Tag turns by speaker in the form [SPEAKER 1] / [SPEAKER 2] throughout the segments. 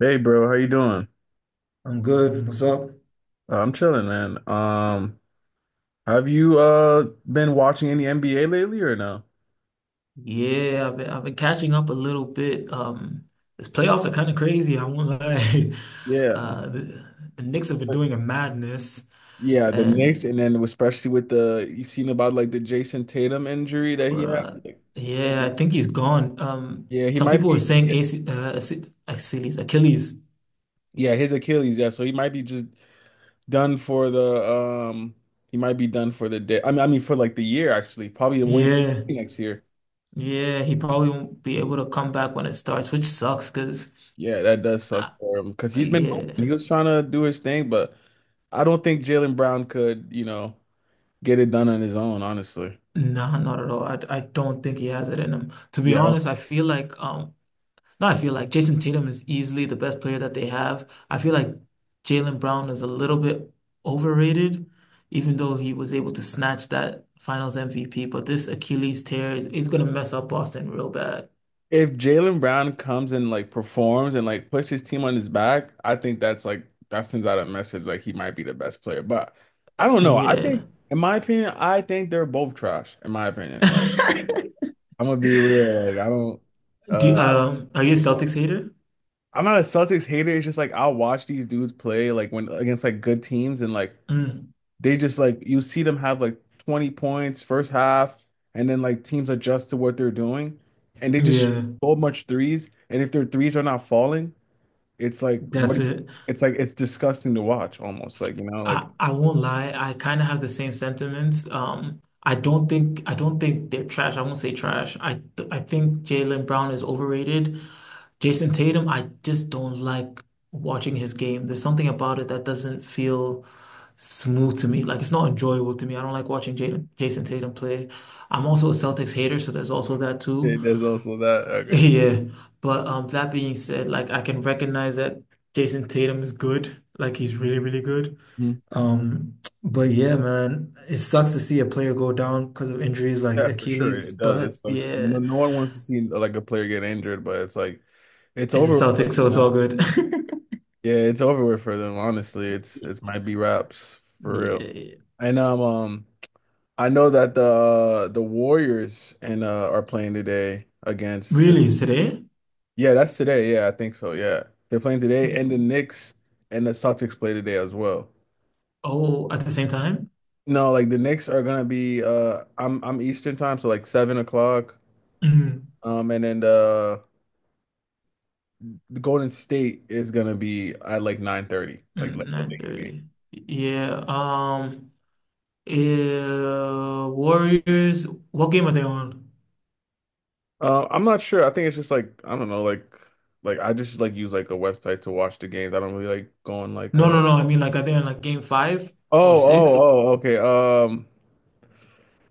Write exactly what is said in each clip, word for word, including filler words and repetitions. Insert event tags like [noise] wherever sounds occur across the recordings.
[SPEAKER 1] Hey bro, how you doing?
[SPEAKER 2] I'm good. What's up?
[SPEAKER 1] Uh, I'm chilling, man. Um, have you uh been watching any N B A lately or no?
[SPEAKER 2] Yeah, I've been I've been catching up a little bit. Um, this playoffs are kind of crazy. I won't lie. [laughs]
[SPEAKER 1] Yeah.
[SPEAKER 2] Uh, the, the Knicks have been doing a madness,
[SPEAKER 1] Yeah, the Knicks,
[SPEAKER 2] and
[SPEAKER 1] and then especially with the you seen about like the Jason Tatum injury that he had.
[SPEAKER 2] bruh,
[SPEAKER 1] Like,
[SPEAKER 2] yeah, I think he's gone. Um,
[SPEAKER 1] yeah, he
[SPEAKER 2] some
[SPEAKER 1] might
[SPEAKER 2] people were
[SPEAKER 1] be.
[SPEAKER 2] saying AC, uh, Ac- Achilles, Achilles.
[SPEAKER 1] Yeah, his Achilles. Yeah, so he might be just done for the um. He might be done for the day. I mean, I mean for like the year actually. Probably the way
[SPEAKER 2] Yeah,
[SPEAKER 1] next year.
[SPEAKER 2] yeah, he probably won't be able to come back when it starts, which sucks. Cause
[SPEAKER 1] Yeah, that does suck
[SPEAKER 2] uh,
[SPEAKER 1] for him because he's been hooping.
[SPEAKER 2] yeah,
[SPEAKER 1] He was trying to do his thing, but I don't think Jalen Brown could, you know, get it done on his own, honestly.
[SPEAKER 2] nah, not at all. I I don't think he has it in him. To be
[SPEAKER 1] Yeah.
[SPEAKER 2] honest, I feel like um. No, I feel like Jason Tatum is easily the best player that they have. I feel like Jaylen Brown is a little bit overrated, even though he was able to snatch that Finals M V P. But this Achilles tear is, is going to mess up Boston real bad.
[SPEAKER 1] If Jalen Brown comes and like performs and like puts his team on his back, I think that's like that sends out a message like he might be the best player. But I don't know. I
[SPEAKER 2] Yeah.
[SPEAKER 1] think in my opinion, I think they're both trash, in my opinion. Like
[SPEAKER 2] [laughs]
[SPEAKER 1] I'm gonna be real. Like I don't uh
[SPEAKER 2] Do
[SPEAKER 1] I don't,
[SPEAKER 2] um, are you a Celtics hater?
[SPEAKER 1] I'm not a Celtics hater. It's just like I'll watch these dudes play like when against like good teams and like
[SPEAKER 2] Mm,
[SPEAKER 1] they just like you see them have like twenty points first half, and then like teams adjust to what they're doing, and they just
[SPEAKER 2] yeah,
[SPEAKER 1] shoot so much threes. And if their threes are not falling, it's like
[SPEAKER 2] that's
[SPEAKER 1] what
[SPEAKER 2] it.
[SPEAKER 1] it's like it's disgusting to watch almost like, you know like.
[SPEAKER 2] I, I won't lie. I kind of have the same sentiments. Um, I don't think I don't think they're trash. I won't say trash. I I think Jaylen Brown is overrated. Jason Tatum, I just don't like watching his game. There's something about it that doesn't feel smooth to me. Like it's not enjoyable to me. I don't like watching Jaden, Jason Tatum play. I'm also a Celtics hater, so there's also that
[SPEAKER 1] Okay,
[SPEAKER 2] too. [laughs]
[SPEAKER 1] there's also that. Okay.
[SPEAKER 2] Yeah. But um that being said, like I can recognize that Jason Tatum is good. Like he's really, really good.
[SPEAKER 1] Mhm.
[SPEAKER 2] Um, but yeah, man, it sucks to see a player go down because of injuries like
[SPEAKER 1] Yeah, for sure.
[SPEAKER 2] Achilles,
[SPEAKER 1] It does. It
[SPEAKER 2] but
[SPEAKER 1] sucks. No,
[SPEAKER 2] yeah,
[SPEAKER 1] no one wants to see like a player get injured, but it's like it's over
[SPEAKER 2] it's a
[SPEAKER 1] with for
[SPEAKER 2] Celtics, so it's all
[SPEAKER 1] now.
[SPEAKER 2] good. [laughs]
[SPEAKER 1] Yeah, it's over with for them. Honestly, it's it might be wraps for real.
[SPEAKER 2] Yeah.
[SPEAKER 1] And um, um, I know that the uh, the Warriors and uh are playing today against the.
[SPEAKER 2] Really, today?
[SPEAKER 1] Yeah, that's today. Yeah, I think so. Yeah. They're playing today and the Knicks and the Celtics play today as well.
[SPEAKER 2] Oh, at the same time?
[SPEAKER 1] No, like the Knicks are gonna be uh I'm I'm Eastern time, so like seven o'clock.
[SPEAKER 2] Mm,
[SPEAKER 1] Um and then the, the Golden State is gonna be at like nine thirty, like like
[SPEAKER 2] mm,
[SPEAKER 1] the later game.
[SPEAKER 2] nine thirty. Yeah. Um. Uh, Warriors. What game are they on?
[SPEAKER 1] Uh, I'm not sure. I think it's just like I don't know, like like I just like use like a website to watch the games. I don't really like going. like
[SPEAKER 2] No,
[SPEAKER 1] uh
[SPEAKER 2] no, no. I mean, like, are they on like game five or
[SPEAKER 1] Oh, oh,
[SPEAKER 2] six?
[SPEAKER 1] oh, okay. Um,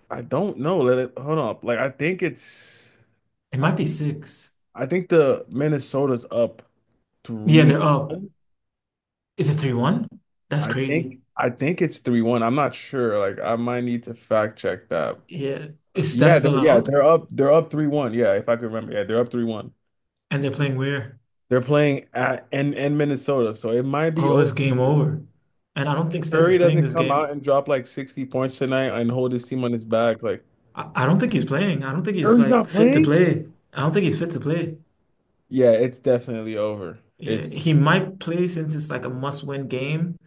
[SPEAKER 1] I don't know. Let it hold up. Like I think it's
[SPEAKER 2] It
[SPEAKER 1] I
[SPEAKER 2] might be six.
[SPEAKER 1] I think the Minnesota's up
[SPEAKER 2] Yeah,
[SPEAKER 1] three.
[SPEAKER 2] they're up. Is it three one? That's
[SPEAKER 1] I think
[SPEAKER 2] crazy.
[SPEAKER 1] I think it's three one. I'm not sure. Like I might need to fact check that.
[SPEAKER 2] Yeah.
[SPEAKER 1] Uh,
[SPEAKER 2] Is Steph
[SPEAKER 1] Yeah, they're
[SPEAKER 2] still
[SPEAKER 1] yeah,
[SPEAKER 2] out?
[SPEAKER 1] they're up they're up three one. Yeah, if I can remember. Yeah, they're up three one.
[SPEAKER 2] And they're playing where?
[SPEAKER 1] They're playing at in in Minnesota, so it might be
[SPEAKER 2] Oh, it's
[SPEAKER 1] over.
[SPEAKER 2] game over. And I don't think Steph is
[SPEAKER 1] Curry
[SPEAKER 2] playing
[SPEAKER 1] doesn't
[SPEAKER 2] this
[SPEAKER 1] come out
[SPEAKER 2] game.
[SPEAKER 1] and drop like sixty points tonight and hold his team on his back. Like
[SPEAKER 2] I, I don't think he's playing. I don't think he's
[SPEAKER 1] Curry's
[SPEAKER 2] like
[SPEAKER 1] not
[SPEAKER 2] fit to
[SPEAKER 1] playing?
[SPEAKER 2] play. I don't think he's fit to play.
[SPEAKER 1] Yeah, it's definitely over.
[SPEAKER 2] Yeah,
[SPEAKER 1] It's
[SPEAKER 2] he might play since it's like a must-win game,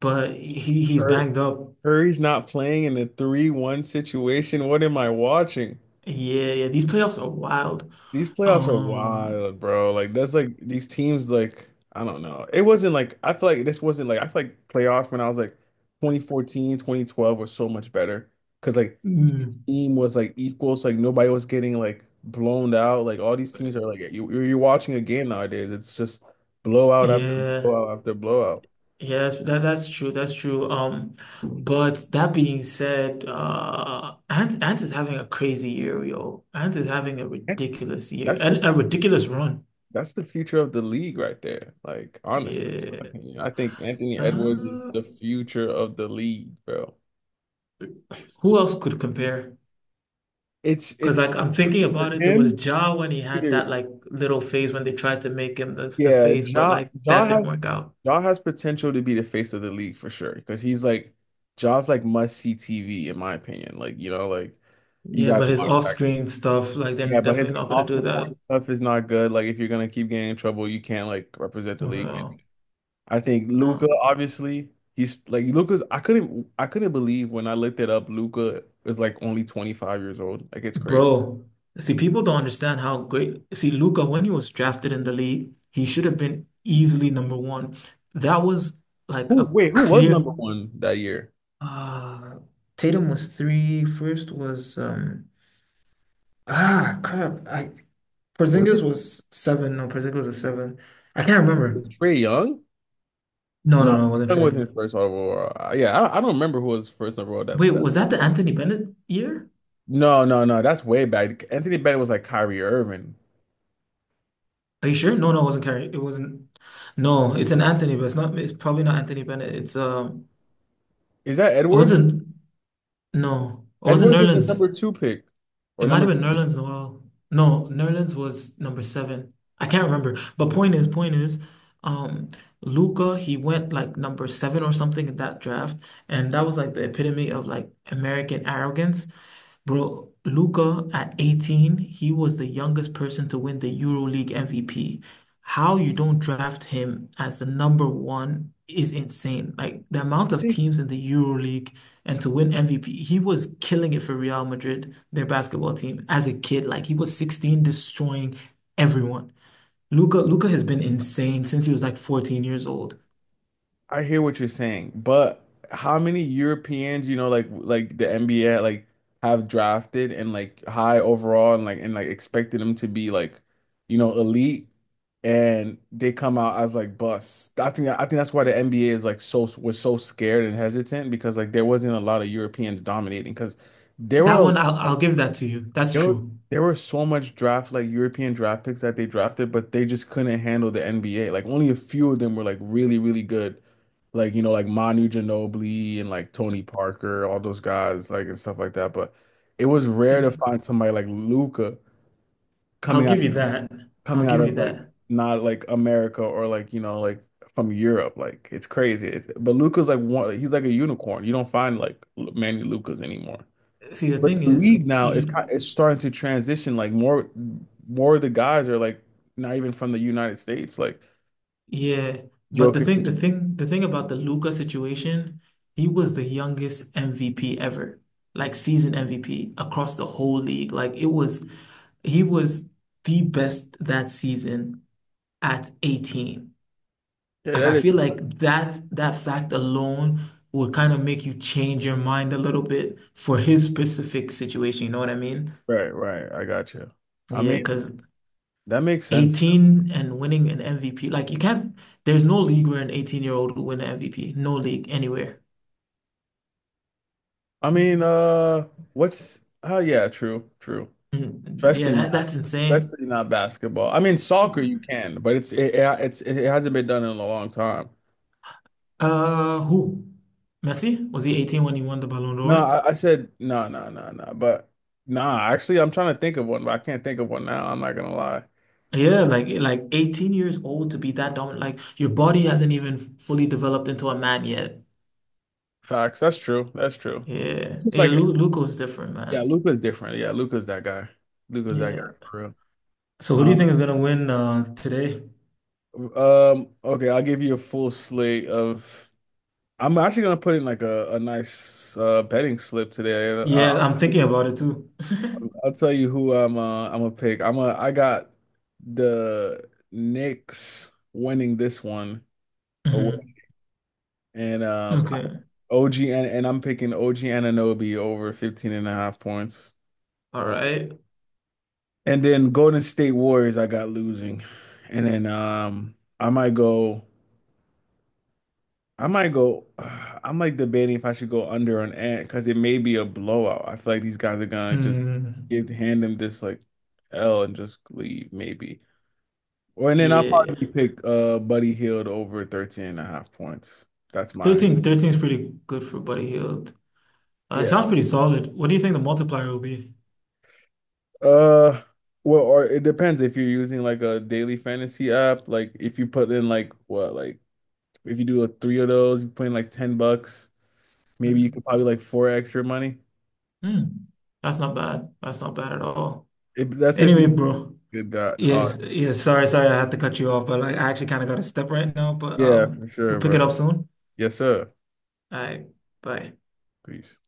[SPEAKER 2] but he he's
[SPEAKER 1] Cur-
[SPEAKER 2] banged up.
[SPEAKER 1] Curry's not playing in a three one situation. What am I watching?
[SPEAKER 2] Yeah, yeah, these playoffs are wild.
[SPEAKER 1] These playoffs are
[SPEAKER 2] Um,
[SPEAKER 1] wild, bro. Like that's like these teams like I don't know. It wasn't like I feel like this wasn't like I feel like playoffs when I was like twenty fourteen, twenty twelve twenty twelve were so much better because like each
[SPEAKER 2] mm,
[SPEAKER 1] team was like equal, so like nobody was getting like blown out. Like all these teams are like you you're watching a game nowadays. It's just blowout after
[SPEAKER 2] yeah,
[SPEAKER 1] blowout after blowout.
[SPEAKER 2] yeah, that that's true. That's true. Um,
[SPEAKER 1] [clears throat]
[SPEAKER 2] but that being said, uh, Ant Ant is having a crazy year, yo. Ant is having a
[SPEAKER 1] And
[SPEAKER 2] ridiculous year
[SPEAKER 1] That's
[SPEAKER 2] and
[SPEAKER 1] the
[SPEAKER 2] a ridiculous run.
[SPEAKER 1] that's the future of the league right there. Like honestly, I
[SPEAKER 2] Yeah.
[SPEAKER 1] think- I think Anthony Edwards is
[SPEAKER 2] Uh,
[SPEAKER 1] the future of the league, bro.
[SPEAKER 2] who else could compare?
[SPEAKER 1] It's
[SPEAKER 2] Because
[SPEAKER 1] it's
[SPEAKER 2] like I'm thinking
[SPEAKER 1] for
[SPEAKER 2] about it, there
[SPEAKER 1] him
[SPEAKER 2] was Ja when he had
[SPEAKER 1] either.
[SPEAKER 2] that like little phase when they tried to make him the the
[SPEAKER 1] Yeah,
[SPEAKER 2] face, but
[SPEAKER 1] Ja
[SPEAKER 2] like
[SPEAKER 1] Ja
[SPEAKER 2] that didn't
[SPEAKER 1] has
[SPEAKER 2] work out.
[SPEAKER 1] Ja has potential to be the face of the league for sure because he's like Ja's like must see T V in my opinion. Like you know like you
[SPEAKER 2] Yeah,
[SPEAKER 1] gotta
[SPEAKER 2] but his
[SPEAKER 1] watch that.
[SPEAKER 2] off-screen stuff, like they're
[SPEAKER 1] Yeah, but his
[SPEAKER 2] definitely not gonna
[SPEAKER 1] off
[SPEAKER 2] do
[SPEAKER 1] the court
[SPEAKER 2] that.
[SPEAKER 1] stuff is not good. Like if you're gonna keep getting in trouble, you can't like represent the
[SPEAKER 2] You
[SPEAKER 1] league.
[SPEAKER 2] know.
[SPEAKER 1] I think
[SPEAKER 2] Uh,
[SPEAKER 1] Luca, obviously, he's like Luca's. I couldn't, I couldn't believe when I looked it up. Luca is like only twenty-five years old. Like it's crazy.
[SPEAKER 2] bro, see, people don't understand how great. See, Luca, when he was drafted in the league, he should have been easily number one. That was like
[SPEAKER 1] Who,
[SPEAKER 2] a
[SPEAKER 1] wait, who was
[SPEAKER 2] clear.
[SPEAKER 1] number one that year?
[SPEAKER 2] Uh, Tatum was three. First was um. Ah, crap. I
[SPEAKER 1] Was
[SPEAKER 2] Porzingis
[SPEAKER 1] it
[SPEAKER 2] was seven. No, Porzingis was a seven. I can't remember.
[SPEAKER 1] Trey Young?
[SPEAKER 2] No,
[SPEAKER 1] No,
[SPEAKER 2] no, no,
[SPEAKER 1] Trae
[SPEAKER 2] it wasn't
[SPEAKER 1] Young
[SPEAKER 2] Trey.
[SPEAKER 1] wasn't first overall. Uh, Yeah, I, don't- I don't remember who was first overall that,
[SPEAKER 2] Wait,
[SPEAKER 1] that.
[SPEAKER 2] was that the Anthony Bennett year?
[SPEAKER 1] No, no, no, that's way back. Anthony Bennett was like Kyrie Irving.
[SPEAKER 2] Are you sure? No, no, it wasn't Carey. It wasn't. No, it's an Anthony, but it's not. It's probably not Anthony Bennett. It's um.
[SPEAKER 1] Is that
[SPEAKER 2] It
[SPEAKER 1] Edwards?
[SPEAKER 2] wasn't. No, it wasn't
[SPEAKER 1] Edwards was the
[SPEAKER 2] Nerlens.
[SPEAKER 1] number two pick or
[SPEAKER 2] It might
[SPEAKER 1] number
[SPEAKER 2] have been
[SPEAKER 1] three.
[SPEAKER 2] Nerlens Noel. No, Nerlens was number seven. I can't remember. But point is, point is, um, Luca, he went like number seven or something in that draft, and that was like the epitome of like American arrogance. Bro, Luca at eighteen, he was the youngest person to win the EuroLeague M V P. How you don't draft him as the number one is insane. Like the amount
[SPEAKER 1] I
[SPEAKER 2] of
[SPEAKER 1] think
[SPEAKER 2] teams in the EuroLeague and to win M V P, he was killing it for Real Madrid, their basketball team, as a kid. Like he was sixteen, destroying everyone. Luca, Luca has been insane since he was like fourteen years old.
[SPEAKER 1] I hear what you're saying, but how many Europeans, you know, like like the N B A like have drafted and like high overall and like and like expected them to be like, you know, elite, and they come out as like busts. I think I think that's why the N B A is like so was so scared and hesitant because like there wasn't a lot of Europeans dominating because there
[SPEAKER 2] That
[SPEAKER 1] were.
[SPEAKER 2] one, I'll, I'll give that to you. That's
[SPEAKER 1] Yo,
[SPEAKER 2] true.
[SPEAKER 1] there were so much draft like European draft picks that they drafted, but they just couldn't handle the N B A. Like only a few of them were like really, really good. Like, you know, like Manu Ginobili and like Tony Parker, all those guys, like and stuff like that. But it was rare to find somebody like Luca
[SPEAKER 2] I'll
[SPEAKER 1] coming out
[SPEAKER 2] give you that. I'll
[SPEAKER 1] coming out
[SPEAKER 2] give you
[SPEAKER 1] of like
[SPEAKER 2] that.
[SPEAKER 1] not like America or like, you know, like from Europe. Like it's crazy. It's, but Luca's like one he's like a unicorn. You don't find like Manny Lucas anymore.
[SPEAKER 2] See, the
[SPEAKER 1] But
[SPEAKER 2] thing
[SPEAKER 1] the
[SPEAKER 2] is,
[SPEAKER 1] league now is
[SPEAKER 2] L-
[SPEAKER 1] kind it's starting to transition. Like more more of the guys are like not even from the United States. Like
[SPEAKER 2] yeah, but the thing, the
[SPEAKER 1] Jokic.
[SPEAKER 2] thing, the thing about the Luca situation, he was the youngest M V P ever, like season M V P across the whole league. Like it was, he was the best that season at eighteen.
[SPEAKER 1] Yeah,
[SPEAKER 2] Like
[SPEAKER 1] that
[SPEAKER 2] I
[SPEAKER 1] is
[SPEAKER 2] feel like that that fact alone would kind of make you change your mind a little bit for his specific situation. You know what I mean?
[SPEAKER 1] right, right. I got you. I
[SPEAKER 2] Yeah,
[SPEAKER 1] mean,
[SPEAKER 2] because
[SPEAKER 1] that makes sense.
[SPEAKER 2] eighteen and winning an M V P. Like you can't, there's no league where an eighteen year old will win an M V P. No league anywhere.
[SPEAKER 1] I mean, uh what's oh, yeah, true, true.
[SPEAKER 2] Mm, yeah,
[SPEAKER 1] Especially
[SPEAKER 2] that,
[SPEAKER 1] not
[SPEAKER 2] that's insane.
[SPEAKER 1] especially not basketball. I mean,
[SPEAKER 2] Uh,
[SPEAKER 1] soccer you can, but it's it, it- it's it hasn't been done in a long time.
[SPEAKER 2] who? Messi? Was he eighteen when he won the Ballon
[SPEAKER 1] No,
[SPEAKER 2] d'Or?
[SPEAKER 1] I, I said no, no, no, no. But nah, actually I'm trying to think of one, but I can't think of one now. I'm not gonna lie.
[SPEAKER 2] Yeah, like like eighteen years old to be that dominant. Like your body hasn't even fully developed into a man yet.
[SPEAKER 1] Facts. That's true. That's true.
[SPEAKER 2] Yeah.
[SPEAKER 1] It's
[SPEAKER 2] Yeah,
[SPEAKER 1] like,
[SPEAKER 2] Lu Luka's different,
[SPEAKER 1] yeah,
[SPEAKER 2] man.
[SPEAKER 1] Luca's different. Yeah, Luca's that guy. Luca's that
[SPEAKER 2] Yeah.
[SPEAKER 1] guy for real.
[SPEAKER 2] So who do you
[SPEAKER 1] Uh,
[SPEAKER 2] think is gonna win uh today?
[SPEAKER 1] um, okay, I'll give you a full slate of. I'm actually gonna put in like a, a nice uh, betting slip today. And
[SPEAKER 2] Yeah,
[SPEAKER 1] I'll,
[SPEAKER 2] I'm thinking about it too. [laughs]
[SPEAKER 1] I'll tell you who I'm. Uh, I'm gonna pick. I'm a. I got the Knicks winning this one away,
[SPEAKER 2] Hmm.
[SPEAKER 1] and um,
[SPEAKER 2] Okay.
[SPEAKER 1] O G, and and I'm picking O G Anunoby over fifteen and a half points.
[SPEAKER 2] All right.
[SPEAKER 1] And then Golden State Warriors, I got losing. And then um I might go I might go [sighs] uh, I'm like debating if I should go under on Ant because it may be a blowout. I feel like these guys are gonna just
[SPEAKER 2] Mm,
[SPEAKER 1] give hand them this like L and just leave, maybe. Or and then I'll
[SPEAKER 2] yeah.
[SPEAKER 1] probably pick uh Buddy Hield over thirteen and a half points. That's my.
[SPEAKER 2] thirteen, thirteen is pretty good for Buddy Hield. Uh, it
[SPEAKER 1] Yeah.
[SPEAKER 2] sounds pretty solid. What do you think the multiplier will be?
[SPEAKER 1] Uh well, or it depends if you're using like a daily fantasy app, like if you put in like what, like. If you do like three of those, you're putting like ten bucks. Maybe you
[SPEAKER 2] Mm.
[SPEAKER 1] could probably like four extra money.
[SPEAKER 2] Mm. That's not bad. That's not bad at all.
[SPEAKER 1] If that's if
[SPEAKER 2] Anyway,
[SPEAKER 1] you
[SPEAKER 2] bro.
[SPEAKER 1] did that. Uh,
[SPEAKER 2] Yes, yes, sorry, sorry, I had to cut you off, but like I actually kind of got a step right now, but
[SPEAKER 1] yeah,
[SPEAKER 2] um
[SPEAKER 1] for
[SPEAKER 2] we'll
[SPEAKER 1] sure,
[SPEAKER 2] pick it up
[SPEAKER 1] brother.
[SPEAKER 2] soon.
[SPEAKER 1] Yes, sir.
[SPEAKER 2] All right, bye.
[SPEAKER 1] Peace.